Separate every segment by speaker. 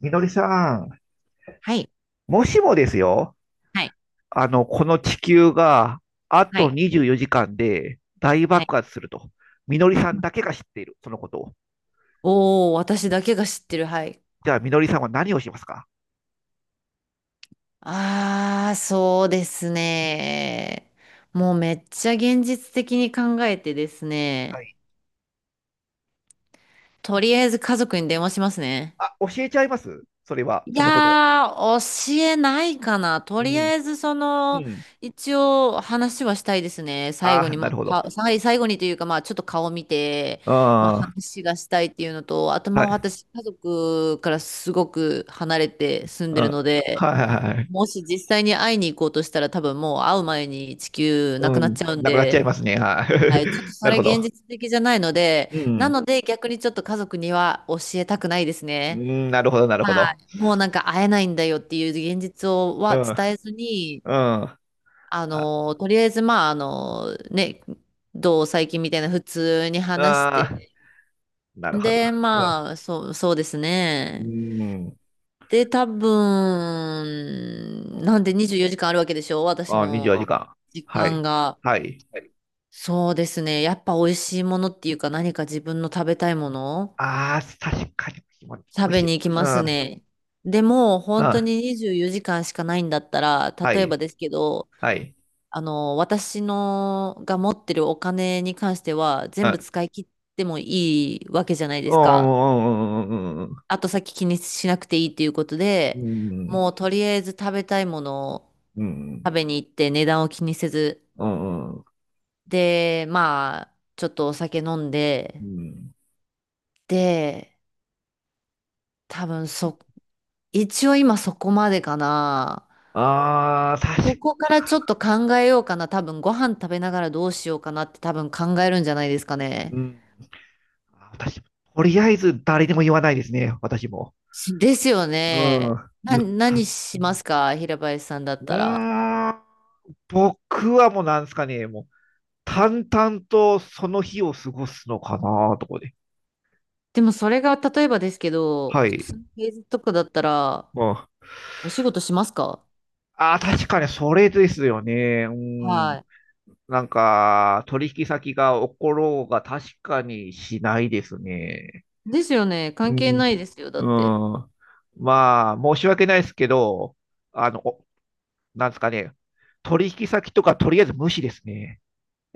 Speaker 1: みのりさん、
Speaker 2: はい。
Speaker 1: もしもですよ、
Speaker 2: はい。
Speaker 1: この地球があ
Speaker 2: は
Speaker 1: と
Speaker 2: い。
Speaker 1: 24時間で大
Speaker 2: はい。
Speaker 1: 爆発すると、みのりさ
Speaker 2: う
Speaker 1: ん
Speaker 2: ん。
Speaker 1: だけが知っている、そのことを。
Speaker 2: おー、私だけが知ってる。はい。
Speaker 1: じゃあ、みのりさんは何をしますか？
Speaker 2: ああ、そうですね。もうめっちゃ現実的に考えてです
Speaker 1: は
Speaker 2: ね。
Speaker 1: い。
Speaker 2: とりあえず家族に電話しますね。
Speaker 1: あ、教えちゃいますそれは、
Speaker 2: い
Speaker 1: そのことは。
Speaker 2: やー、教えないかな。と
Speaker 1: う
Speaker 2: り
Speaker 1: ん。
Speaker 2: あえず、
Speaker 1: うん。
Speaker 2: 一応話はしたいですね。最
Speaker 1: あ
Speaker 2: 後
Speaker 1: あ、
Speaker 2: に、
Speaker 1: な
Speaker 2: ま
Speaker 1: るほど。
Speaker 2: あ、最後にというか、まあ、ちょっと顔見て、
Speaker 1: うん。
Speaker 2: まあ、
Speaker 1: は
Speaker 2: 話がしたいっていうのと、あと、まあ、
Speaker 1: い。
Speaker 2: 私、家族からすごく離れて住ん
Speaker 1: う
Speaker 2: でる
Speaker 1: ん。
Speaker 2: ので、
Speaker 1: はいはいはい。
Speaker 2: もし実際に会いに行こうとしたら、多分もう会う前に地球
Speaker 1: う
Speaker 2: なくなっ
Speaker 1: ん。
Speaker 2: ちゃうん
Speaker 1: なくなっちゃい
Speaker 2: で、
Speaker 1: ますね。は
Speaker 2: は
Speaker 1: い。
Speaker 2: い、ちょっと そ
Speaker 1: なる
Speaker 2: れ
Speaker 1: ほ
Speaker 2: 現
Speaker 1: ど。
Speaker 2: 実的じゃないので、
Speaker 1: う
Speaker 2: な
Speaker 1: ん。
Speaker 2: ので、逆にちょっと家族には教えたくないです
Speaker 1: う
Speaker 2: ね。
Speaker 1: ん、なるほど、なるほ
Speaker 2: は
Speaker 1: ど。
Speaker 2: い。もうなんか会えないんだよっていう現実を
Speaker 1: う
Speaker 2: は
Speaker 1: ん。うん。
Speaker 2: 伝えずに、
Speaker 1: あ、あ
Speaker 2: とりあえずまあ、ね、どう最近みたいな普通に話し
Speaker 1: あ
Speaker 2: て。
Speaker 1: なるほど。
Speaker 2: で、
Speaker 1: うん
Speaker 2: まあ、そうです
Speaker 1: うー
Speaker 2: ね。
Speaker 1: ん。
Speaker 2: で、多分、なんで24時間あるわけでしょ私
Speaker 1: あ、24時
Speaker 2: の時
Speaker 1: 間。は
Speaker 2: 間
Speaker 1: い。
Speaker 2: が。
Speaker 1: はい。
Speaker 2: そうですね。やっぱ美味しいものっていうか何か自分の食べたいもの
Speaker 1: ああ、確かに気持ち美
Speaker 2: 食
Speaker 1: 味し
Speaker 2: べに
Speaker 1: い。
Speaker 2: 行きま
Speaker 1: う
Speaker 2: す
Speaker 1: ん。
Speaker 2: ね。でも、
Speaker 1: う
Speaker 2: 本当
Speaker 1: ん。
Speaker 2: に24時間しかないんだったら、
Speaker 1: は
Speaker 2: 例えば
Speaker 1: い。
Speaker 2: ですけど、
Speaker 1: はい。
Speaker 2: 私のが持ってるお金に関しては、
Speaker 1: う
Speaker 2: 全部
Speaker 1: ん。
Speaker 2: 使い切ってもいいわけじゃないで
Speaker 1: う
Speaker 2: すか。
Speaker 1: んうんうんうんうんう
Speaker 2: 後先気にしなくていいっていうことで、
Speaker 1: ん。
Speaker 2: もうとりあえず食べたいものを
Speaker 1: うん
Speaker 2: 食べに行って値段を気にせず、
Speaker 1: うん
Speaker 2: で、まあ、ちょっとお酒飲ん
Speaker 1: う
Speaker 2: で、
Speaker 1: ん。
Speaker 2: で、多分一応今そこまでかな。
Speaker 1: ああ、確
Speaker 2: こ
Speaker 1: か
Speaker 2: こからちょっと考えようかな。多分ご飯食べながらどうしようかなって多分考えるんじゃないですかね。
Speaker 1: うん。あ私、とりあえず誰にも言わないですね。私も。
Speaker 2: ですよ
Speaker 1: う
Speaker 2: ね。
Speaker 1: ん。言った。
Speaker 2: 何
Speaker 1: う
Speaker 2: しますか、平林さんだったら？
Speaker 1: ーん。僕はもうなんですかね。もう、淡々とその日を過ごすのかなとこで。
Speaker 2: でもそれが例えばですけど、
Speaker 1: は
Speaker 2: 普
Speaker 1: い。
Speaker 2: 通の平日とかだったら
Speaker 1: うん。あ
Speaker 2: お仕事しますか？
Speaker 1: あ、確かにそれですよね。うん。
Speaker 2: は
Speaker 1: なんか、取引先が起ころうが確かにしないですね。
Speaker 2: い。ですよね。
Speaker 1: う
Speaker 2: 関係な
Speaker 1: ん。
Speaker 2: いですよ。だって。
Speaker 1: うん。まあ、申し訳ないですけど、おなんですかね。取引先とかとりあえず無視ですね。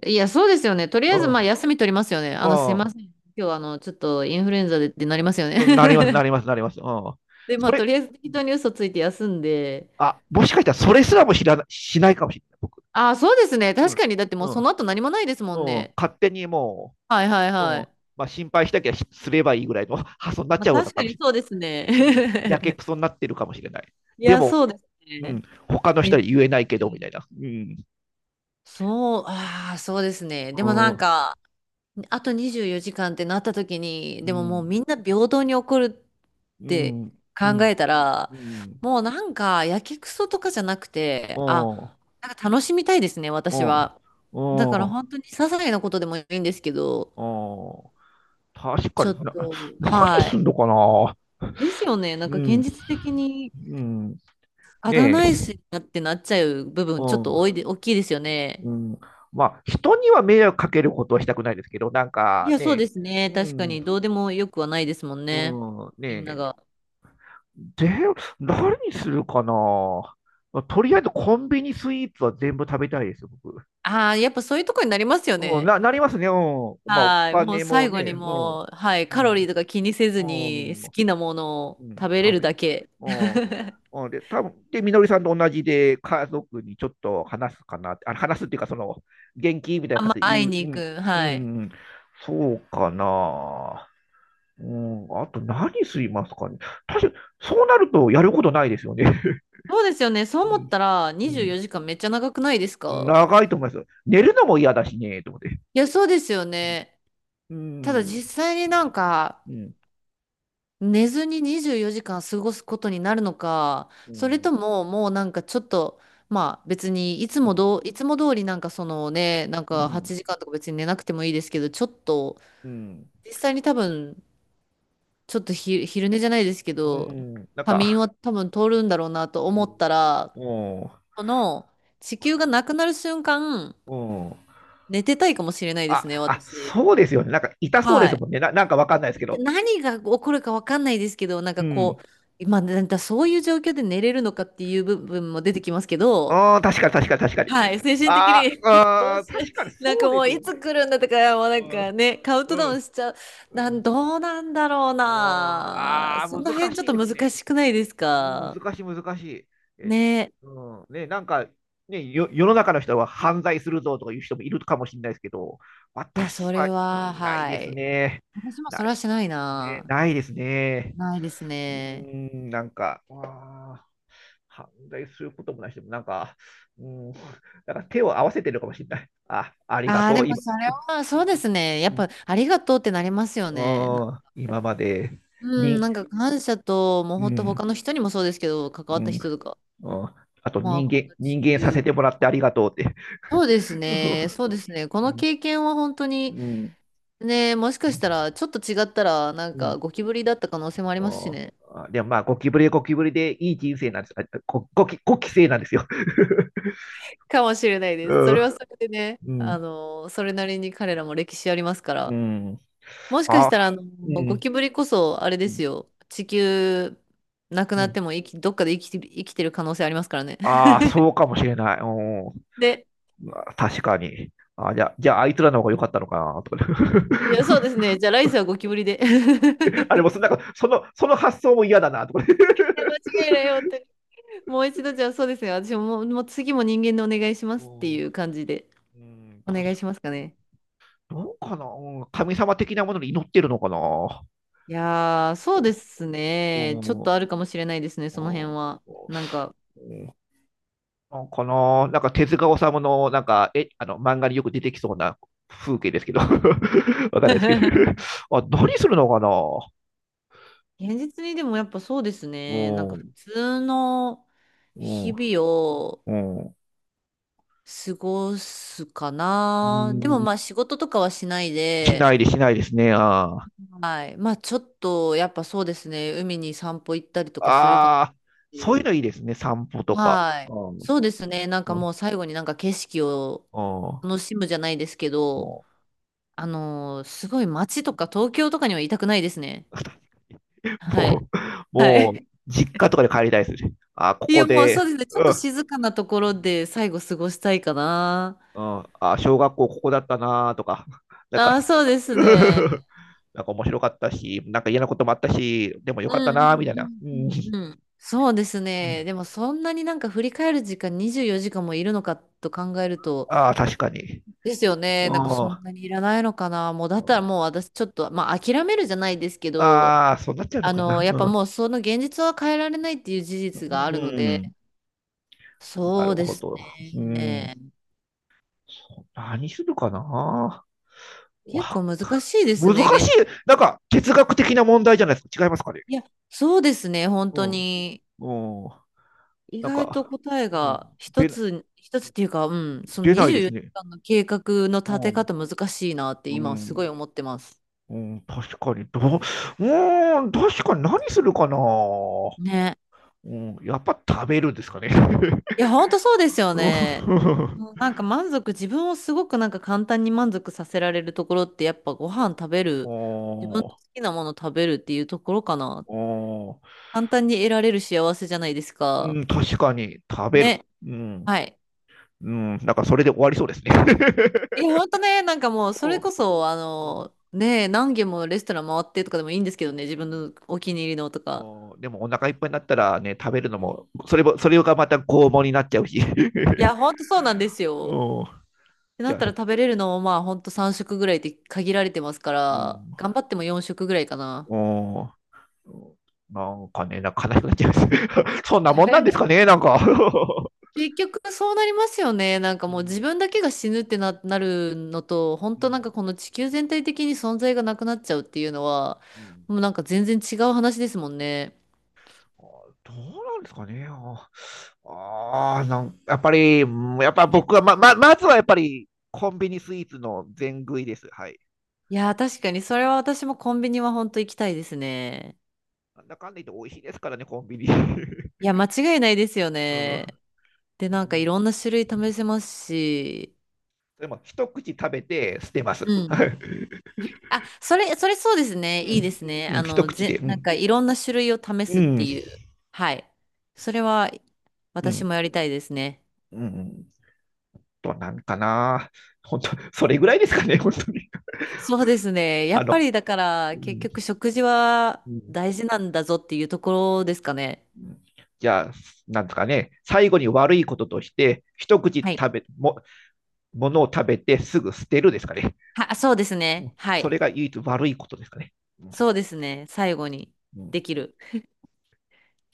Speaker 2: いや、そうですよね。とりあえず
Speaker 1: う
Speaker 2: まあ
Speaker 1: ん。
Speaker 2: 休み取りますよね。
Speaker 1: う
Speaker 2: すいません。今日ちょっとインフルエンザでってなりますよ
Speaker 1: ん。なります、な
Speaker 2: ね。
Speaker 1: ります、なります。うん。そ
Speaker 2: で、まあと
Speaker 1: れ、
Speaker 2: りあえず適当に嘘ついて休んで、
Speaker 1: あ、もしかしたらそれすらも知らな、しないかもしれない、僕。
Speaker 2: あ、そうですね。
Speaker 1: う
Speaker 2: 確
Speaker 1: ん。
Speaker 2: かに。だっても
Speaker 1: う
Speaker 2: うそ
Speaker 1: ん。
Speaker 2: の後何もないですも
Speaker 1: う
Speaker 2: ん
Speaker 1: ん。
Speaker 2: ね。
Speaker 1: 勝手にも
Speaker 2: はいはい
Speaker 1: う、
Speaker 2: は
Speaker 1: うん。
Speaker 2: い。
Speaker 1: まあ、心配したきゃしすればいいぐらいの 発想になっ
Speaker 2: ま
Speaker 1: ち
Speaker 2: あ
Speaker 1: ゃうの
Speaker 2: 確か
Speaker 1: かも
Speaker 2: に
Speaker 1: し
Speaker 2: そうですね。
Speaker 1: れない。うんやけくそになってるかもしれない。
Speaker 2: い
Speaker 1: で
Speaker 2: や、
Speaker 1: も、
Speaker 2: そうです
Speaker 1: うん、
Speaker 2: ね。
Speaker 1: 他の人
Speaker 2: え、
Speaker 1: に言えないけど、みたいな。うん。
Speaker 2: そう、ああ、そうですね。でもなん
Speaker 1: う
Speaker 2: か、あと24時間ってなった時に、でももうみん
Speaker 1: ん。
Speaker 2: な平等に怒るっ
Speaker 1: う
Speaker 2: て
Speaker 1: ん。う
Speaker 2: 考
Speaker 1: ん。
Speaker 2: えた
Speaker 1: う
Speaker 2: ら、
Speaker 1: ん。うん。
Speaker 2: もうなんか、やけくそとかじゃなく
Speaker 1: う
Speaker 2: て、あ、
Speaker 1: ん。
Speaker 2: なんか楽しみたいですね、私は。
Speaker 1: う
Speaker 2: だから
Speaker 1: ん。
Speaker 2: 本当に些細なことでもいいんですけど、
Speaker 1: うん。確か
Speaker 2: ちょっ
Speaker 1: にな、
Speaker 2: と、
Speaker 1: 何
Speaker 2: は
Speaker 1: す
Speaker 2: い、
Speaker 1: んのかな。
Speaker 2: ですよね。なん
Speaker 1: う
Speaker 2: か現
Speaker 1: ん。
Speaker 2: 実的に
Speaker 1: うん。
Speaker 2: あだ
Speaker 1: ね
Speaker 2: 名い
Speaker 1: え。
Speaker 2: しなってなっちゃう部分ちょ
Speaker 1: う
Speaker 2: っ
Speaker 1: ん。
Speaker 2: と多いで、大きいですよね。
Speaker 1: うん。まあ、人には迷惑かけることはしたくないですけど、なん
Speaker 2: い
Speaker 1: か
Speaker 2: や、そう
Speaker 1: ね、
Speaker 2: ですね。
Speaker 1: う
Speaker 2: 確か
Speaker 1: ん、
Speaker 2: にどうでもよくはないですもん
Speaker 1: う
Speaker 2: ね。
Speaker 1: ん、
Speaker 2: みんな
Speaker 1: ね
Speaker 2: が。
Speaker 1: で、何にするかな、まあとりあえずコンビニスイーツは全部食べたいですよ、僕。
Speaker 2: ああ、やっぱそういうとこになりますよ
Speaker 1: うん、
Speaker 2: ね。
Speaker 1: な、なりますね。うん。まあ、お
Speaker 2: はい。もう
Speaker 1: 金も
Speaker 2: 最
Speaker 1: ね、
Speaker 2: 後に
Speaker 1: うん、う
Speaker 2: もう、はい。カロリ
Speaker 1: ん、
Speaker 2: ーとか気にせず
Speaker 1: う
Speaker 2: に
Speaker 1: ん、
Speaker 2: 好きなもの
Speaker 1: う
Speaker 2: を
Speaker 1: ん、
Speaker 2: 食べれ
Speaker 1: 食
Speaker 2: る
Speaker 1: べ、
Speaker 2: だけ。
Speaker 1: うん、うん。で、多分で、みのりさんと同じで、家族にちょっと話すかなって、あ、話すっていうか、その、元気みたい
Speaker 2: あ
Speaker 1: な
Speaker 2: ん
Speaker 1: 形
Speaker 2: まあ
Speaker 1: で言
Speaker 2: 会い
Speaker 1: う、
Speaker 2: に
Speaker 1: う
Speaker 2: 行
Speaker 1: ん、
Speaker 2: く。
Speaker 1: う
Speaker 2: はい。
Speaker 1: ん、そうかな。うん、あと何すいますかね。確かに、そうなるとやることないですよね。
Speaker 2: そうですよね。そう
Speaker 1: う
Speaker 2: 思っ
Speaker 1: ん
Speaker 2: たら
Speaker 1: う
Speaker 2: 24
Speaker 1: ん
Speaker 2: 時間めっちゃ長くないですか？
Speaker 1: 長いと思いますよ。寝るのも嫌だしね、と思って。
Speaker 2: いや、そうですよね。
Speaker 1: う
Speaker 2: ただ
Speaker 1: ん、
Speaker 2: 実際になんか、
Speaker 1: うん、
Speaker 2: 寝ずに24時間過ごすことになるのか、
Speaker 1: う
Speaker 2: それ
Speaker 1: ん、
Speaker 2: とももうなんかちょっと、まあ別に
Speaker 1: うん、
Speaker 2: いつも通りなんかね、なん
Speaker 1: う
Speaker 2: か
Speaker 1: ん、
Speaker 2: 8時間とか別に寝なくてもいいですけど、ちょっと、
Speaker 1: うん、
Speaker 2: 実際に多分、ちょっと昼寝じゃないですけ
Speaker 1: う
Speaker 2: ど、
Speaker 1: ん、なん
Speaker 2: 仮眠
Speaker 1: か、
Speaker 2: は多分通るんだろうなと思ったら、
Speaker 1: うん、
Speaker 2: この地球がなくなる瞬間、
Speaker 1: うん。
Speaker 2: 寝てたいかもしれないですね、
Speaker 1: あ、あ、
Speaker 2: 私。
Speaker 1: そうですよね。なんか痛そうで
Speaker 2: は
Speaker 1: す
Speaker 2: い。
Speaker 1: もんね。な、なんかわかんないですけど。
Speaker 2: 何が起こるか分かんないですけど、なん
Speaker 1: う
Speaker 2: かこ
Speaker 1: ん。
Speaker 2: う、まあ、なんかそういう状況で寝れるのかっていう部分も出てきますけど、
Speaker 1: ああ、確かに確かに確かに。
Speaker 2: はい、精神的
Speaker 1: あ
Speaker 2: に
Speaker 1: ー
Speaker 2: どう
Speaker 1: あー、
Speaker 2: しよ
Speaker 1: 確かに
Speaker 2: う、
Speaker 1: そ
Speaker 2: なんか
Speaker 1: う
Speaker 2: も
Speaker 1: です
Speaker 2: う
Speaker 1: よ
Speaker 2: い
Speaker 1: ね。
Speaker 2: つ来るんだとか、もうな
Speaker 1: う
Speaker 2: ん
Speaker 1: ん、
Speaker 2: かね、カウン
Speaker 1: う
Speaker 2: トダウ
Speaker 1: ん、
Speaker 2: ンしちゃう、
Speaker 1: うん。
Speaker 2: どうなんだろうな、
Speaker 1: ああ
Speaker 2: そ
Speaker 1: ー、
Speaker 2: の
Speaker 1: 難
Speaker 2: 辺ちょっ
Speaker 1: しい
Speaker 2: と
Speaker 1: ですね。
Speaker 2: 難しくないです
Speaker 1: うん
Speaker 2: か。
Speaker 1: 難しい、難しい。え、
Speaker 2: ね、
Speaker 1: うん、ね、なんか、ね、よ、世の中の人は犯罪するぞとかいう人もいるかもしれないですけど、
Speaker 2: いや、そ
Speaker 1: 私
Speaker 2: れ
Speaker 1: は、う
Speaker 2: は、
Speaker 1: んない
Speaker 2: は
Speaker 1: です
Speaker 2: い。
Speaker 1: ね。
Speaker 2: 私もそ
Speaker 1: な
Speaker 2: れ
Speaker 1: い、
Speaker 2: はしない
Speaker 1: ね、
Speaker 2: な。
Speaker 1: ないですね。
Speaker 2: ないです
Speaker 1: う
Speaker 2: ね。
Speaker 1: ん、なんか、あー犯罪することもないし、もなんか、うん、なんか手を合わせてるかもしれない。あ、ありが
Speaker 2: ああ、
Speaker 1: と
Speaker 2: で
Speaker 1: う、
Speaker 2: も
Speaker 1: 今、
Speaker 2: それは、そうですね。やっ
Speaker 1: う
Speaker 2: ぱ、ありがとうってなりますよね。
Speaker 1: ん、うん今まで、
Speaker 2: うん、
Speaker 1: に、
Speaker 2: なんか感謝と、もう
Speaker 1: う
Speaker 2: 本当他
Speaker 1: ん、
Speaker 2: の人にもそうですけど、関わ
Speaker 1: う
Speaker 2: った
Speaker 1: ん、
Speaker 2: 人とか、
Speaker 1: うん、あと
Speaker 2: まあ、
Speaker 1: 人
Speaker 2: こ
Speaker 1: 間、
Speaker 2: の地
Speaker 1: 人間させ
Speaker 2: 球。
Speaker 1: てもらってありがとうって。
Speaker 2: そうです ね、そう
Speaker 1: う
Speaker 2: ですね。この
Speaker 1: ん。
Speaker 2: 経験は本当に、ね、もしかしたら、ちょっと違ったら、なん
Speaker 1: うん。
Speaker 2: かゴキブリだった可能性もありますし
Speaker 1: おー
Speaker 2: ね。
Speaker 1: あでもまあ、ゴキブリはゴキブリでいい人生なんです。あゴゴキ、ゴキ生なんですよ。
Speaker 2: かもしれないで
Speaker 1: う
Speaker 2: す。それ
Speaker 1: ん。
Speaker 2: はそれでね、
Speaker 1: うん。
Speaker 2: それなりに彼らも歴史ありますか
Speaker 1: う
Speaker 2: ら。
Speaker 1: ん。
Speaker 2: もしかし
Speaker 1: あ、
Speaker 2: たら、
Speaker 1: う
Speaker 2: ゴ
Speaker 1: ん。
Speaker 2: キブリこそ、あれで
Speaker 1: う
Speaker 2: す
Speaker 1: ん。
Speaker 2: よ、地球、なく
Speaker 1: う
Speaker 2: なって
Speaker 1: ん
Speaker 2: もどっかで生きて、生きてる可能性ありますからね。
Speaker 1: ああ、そうかもしれない。うん。
Speaker 2: で、
Speaker 1: 確かに。あ、じゃあ、じゃあ、あいつらの方が良かったのかな、とか、ね。
Speaker 2: いや、そうですね。じゃあ来世はゴキブリで。
Speaker 1: あれもそ、なんか、その発想も嫌だな、とか、ね。
Speaker 2: や、間違いないよって。もう一度、じゃあそうですね。私も、もう次も人間でお願いしま
Speaker 1: う
Speaker 2: すって
Speaker 1: ん
Speaker 2: いう感じで、
Speaker 1: うん
Speaker 2: お願
Speaker 1: 確
Speaker 2: い
Speaker 1: か
Speaker 2: しますかね。
Speaker 1: どうかな、うん神様的なものに祈ってるのかな、
Speaker 2: いやー、そうです
Speaker 1: う
Speaker 2: ね。ちょっ
Speaker 1: ん
Speaker 2: とあるかもしれないですね、その辺
Speaker 1: お
Speaker 2: は。
Speaker 1: お
Speaker 2: なんか、
Speaker 1: うんあこの、なんか手塚治虫の、なんか、え、漫画によく出てきそうな風景ですけど、わかんないですけど、あ、何するのかなお
Speaker 2: 現実にでもやっぱそうですね。なんか
Speaker 1: お
Speaker 2: 普通の日
Speaker 1: お
Speaker 2: 々を
Speaker 1: うん
Speaker 2: 過ごすか
Speaker 1: う
Speaker 2: な。でも
Speaker 1: ん
Speaker 2: まあ仕事とかはしない
Speaker 1: しな
Speaker 2: で、
Speaker 1: いでしないですね。あー
Speaker 2: はい。まあちょっとやっぱそうですね。海に散歩行ったりとかするかなっ
Speaker 1: あー、そういう
Speaker 2: て。
Speaker 1: のいいですね。散歩とか。
Speaker 2: はい。
Speaker 1: おうん、
Speaker 2: そうですね。なんか
Speaker 1: も
Speaker 2: もう最後になんか景色を
Speaker 1: う、
Speaker 2: 楽しむじゃないですけど、すごい街とか東京とかにはいたくないですね。
Speaker 1: も
Speaker 2: はい。
Speaker 1: う、
Speaker 2: は
Speaker 1: も
Speaker 2: い。
Speaker 1: う実家とかで帰りたいですね。あこ
Speaker 2: い
Speaker 1: こ
Speaker 2: や、もう
Speaker 1: で、
Speaker 2: そうですね。ちょ
Speaker 1: う
Speaker 2: っと
Speaker 1: ん、
Speaker 2: 静かなところで最後過ごしたいかな。
Speaker 1: うん、あ、小学校ここだったなとか、なんか
Speaker 2: ああ、そうですね。
Speaker 1: なんか面白かったし、なんか嫌なこともあったし、でもよ
Speaker 2: う
Speaker 1: かった
Speaker 2: んう
Speaker 1: なみたいな。
Speaker 2: ん
Speaker 1: う
Speaker 2: う
Speaker 1: ん、
Speaker 2: んうんうん。そうですね。でもそんなになんか振り返る時間24時間もいるのかと考えると、
Speaker 1: ああ、確かに。
Speaker 2: ですよ
Speaker 1: う
Speaker 2: ね。なんかそん
Speaker 1: ん、
Speaker 2: なにいらないのかな。もうだったらもう私ちょっと、まあ諦めるじゃないですけど、
Speaker 1: ああ、そうなっちゃうのかな。
Speaker 2: やっぱ
Speaker 1: うん、
Speaker 2: もうその現実は変えられないっていう事
Speaker 1: う
Speaker 2: 実があるので、
Speaker 1: んな
Speaker 2: そ
Speaker 1: る
Speaker 2: うで
Speaker 1: ほ
Speaker 2: す
Speaker 1: ど。うん、
Speaker 2: ね。
Speaker 1: 何するかな
Speaker 2: 結
Speaker 1: わ、
Speaker 2: 構難しいです
Speaker 1: 難
Speaker 2: ね、
Speaker 1: しい。なんか哲学的な問題じゃないですか？違いますかね？
Speaker 2: いや、そうですね、本
Speaker 1: う
Speaker 2: 当
Speaker 1: ん、
Speaker 2: に。
Speaker 1: うん、
Speaker 2: 意
Speaker 1: なん
Speaker 2: 外と
Speaker 1: か、
Speaker 2: 答え
Speaker 1: うん、
Speaker 2: が一
Speaker 1: 出な
Speaker 2: つ、一つっていうか、うん、その
Speaker 1: 出ない
Speaker 2: 24
Speaker 1: です
Speaker 2: 時
Speaker 1: ね。
Speaker 2: 間の計画の立
Speaker 1: う
Speaker 2: て
Speaker 1: ん、
Speaker 2: 方難しいなって
Speaker 1: う
Speaker 2: 今すご
Speaker 1: ん
Speaker 2: い思ってます。
Speaker 1: うん、確かに、どう、うーん、確かに何するかな。
Speaker 2: ね。
Speaker 1: うん、やっぱ食べるんですかね？
Speaker 2: いや、本当そうですよ
Speaker 1: う
Speaker 2: ね。
Speaker 1: ん、
Speaker 2: うんなんか満足、自分をすごくなんか簡単に満足させられるところってやっぱご飯食べ
Speaker 1: お
Speaker 2: る、自分の
Speaker 1: ー
Speaker 2: 好きなもの食べるっていうところかな。
Speaker 1: おー
Speaker 2: 簡単に得られる幸せじゃないです
Speaker 1: う
Speaker 2: か。
Speaker 1: ん、確かに食べる。
Speaker 2: ね。
Speaker 1: うん、
Speaker 2: はい。
Speaker 1: うん、なんかそれで終わりそうですね。
Speaker 2: いや、ほんとね、なんかもう、それこそ、
Speaker 1: うん
Speaker 2: ね、何軒もレストラン回ってとかでもいいんですけどね、自分のお気に入りのとか。
Speaker 1: もう、でもお腹いっぱいになったらね、食べるのも、それも、それがまた拷問になっちゃうし。
Speaker 2: い や、ほんとそうなんですよ。
Speaker 1: うん、
Speaker 2: ってな
Speaker 1: じ
Speaker 2: っ
Speaker 1: ゃ
Speaker 2: たら
Speaker 1: あ、
Speaker 2: 食べれるのも、まあ、ほんと3食ぐらいって限られてますか
Speaker 1: う
Speaker 2: ら、
Speaker 1: ん、
Speaker 2: 頑張っても4食ぐらいかな。
Speaker 1: うんなんかね、なんか悲しくなっちゃいます。そんなもんなんです かね、なんか。
Speaker 2: 結局そうなりますよね。なんか
Speaker 1: う
Speaker 2: もう
Speaker 1: ん。
Speaker 2: 自分だけが死ぬってなるのと、本
Speaker 1: う
Speaker 2: 当なんか
Speaker 1: ん。
Speaker 2: この地球全体的に存在がなくなっちゃうっていうのは、
Speaker 1: うん。
Speaker 2: もうなんか全然違う話ですもんね。
Speaker 1: あどうなんですかね。ああなんやっぱり、やっぱ僕はまずはやっぱりコンビニスイーツの全食いです。はい。
Speaker 2: いやー、確かにそれは私もコンビニは本当行きたいですね。
Speaker 1: なんだかんだ言って美味しいですからね、コンビニ。
Speaker 2: いや、間違いないですよ
Speaker 1: う
Speaker 2: ね。
Speaker 1: ん。
Speaker 2: で、なんかいろんな種類試せますし、
Speaker 1: でも、一口食べて捨てます。
Speaker 2: う
Speaker 1: は
Speaker 2: ん。
Speaker 1: い
Speaker 2: あ、それそうですね。
Speaker 1: う
Speaker 2: いいで
Speaker 1: ん。
Speaker 2: すね。
Speaker 1: うん、一口で。う
Speaker 2: なん
Speaker 1: ん。
Speaker 2: かいろんな種類を試
Speaker 1: う
Speaker 2: すって
Speaker 1: ん。
Speaker 2: いう。はい。それは
Speaker 1: う
Speaker 2: 私
Speaker 1: ん。
Speaker 2: もやりたいですね。
Speaker 1: うん。となんかな。本当、それぐらいですかね、本当に。
Speaker 2: そうですね。や
Speaker 1: あ
Speaker 2: っぱ
Speaker 1: の、
Speaker 2: りだか
Speaker 1: う
Speaker 2: ら結
Speaker 1: ん
Speaker 2: 局食事は
Speaker 1: うん
Speaker 2: 大事なんだぞっていうところですかね。
Speaker 1: じゃあ、なんとかね、最後に悪いこととして、一口
Speaker 2: はい。
Speaker 1: 食べ、も、ものを食べてすぐ捨てるですかね。
Speaker 2: そうですね。は
Speaker 1: そ
Speaker 2: い。
Speaker 1: れが唯一悪いことですかね。うん
Speaker 2: そうですね。最後に
Speaker 1: う
Speaker 2: で
Speaker 1: ん
Speaker 2: きる。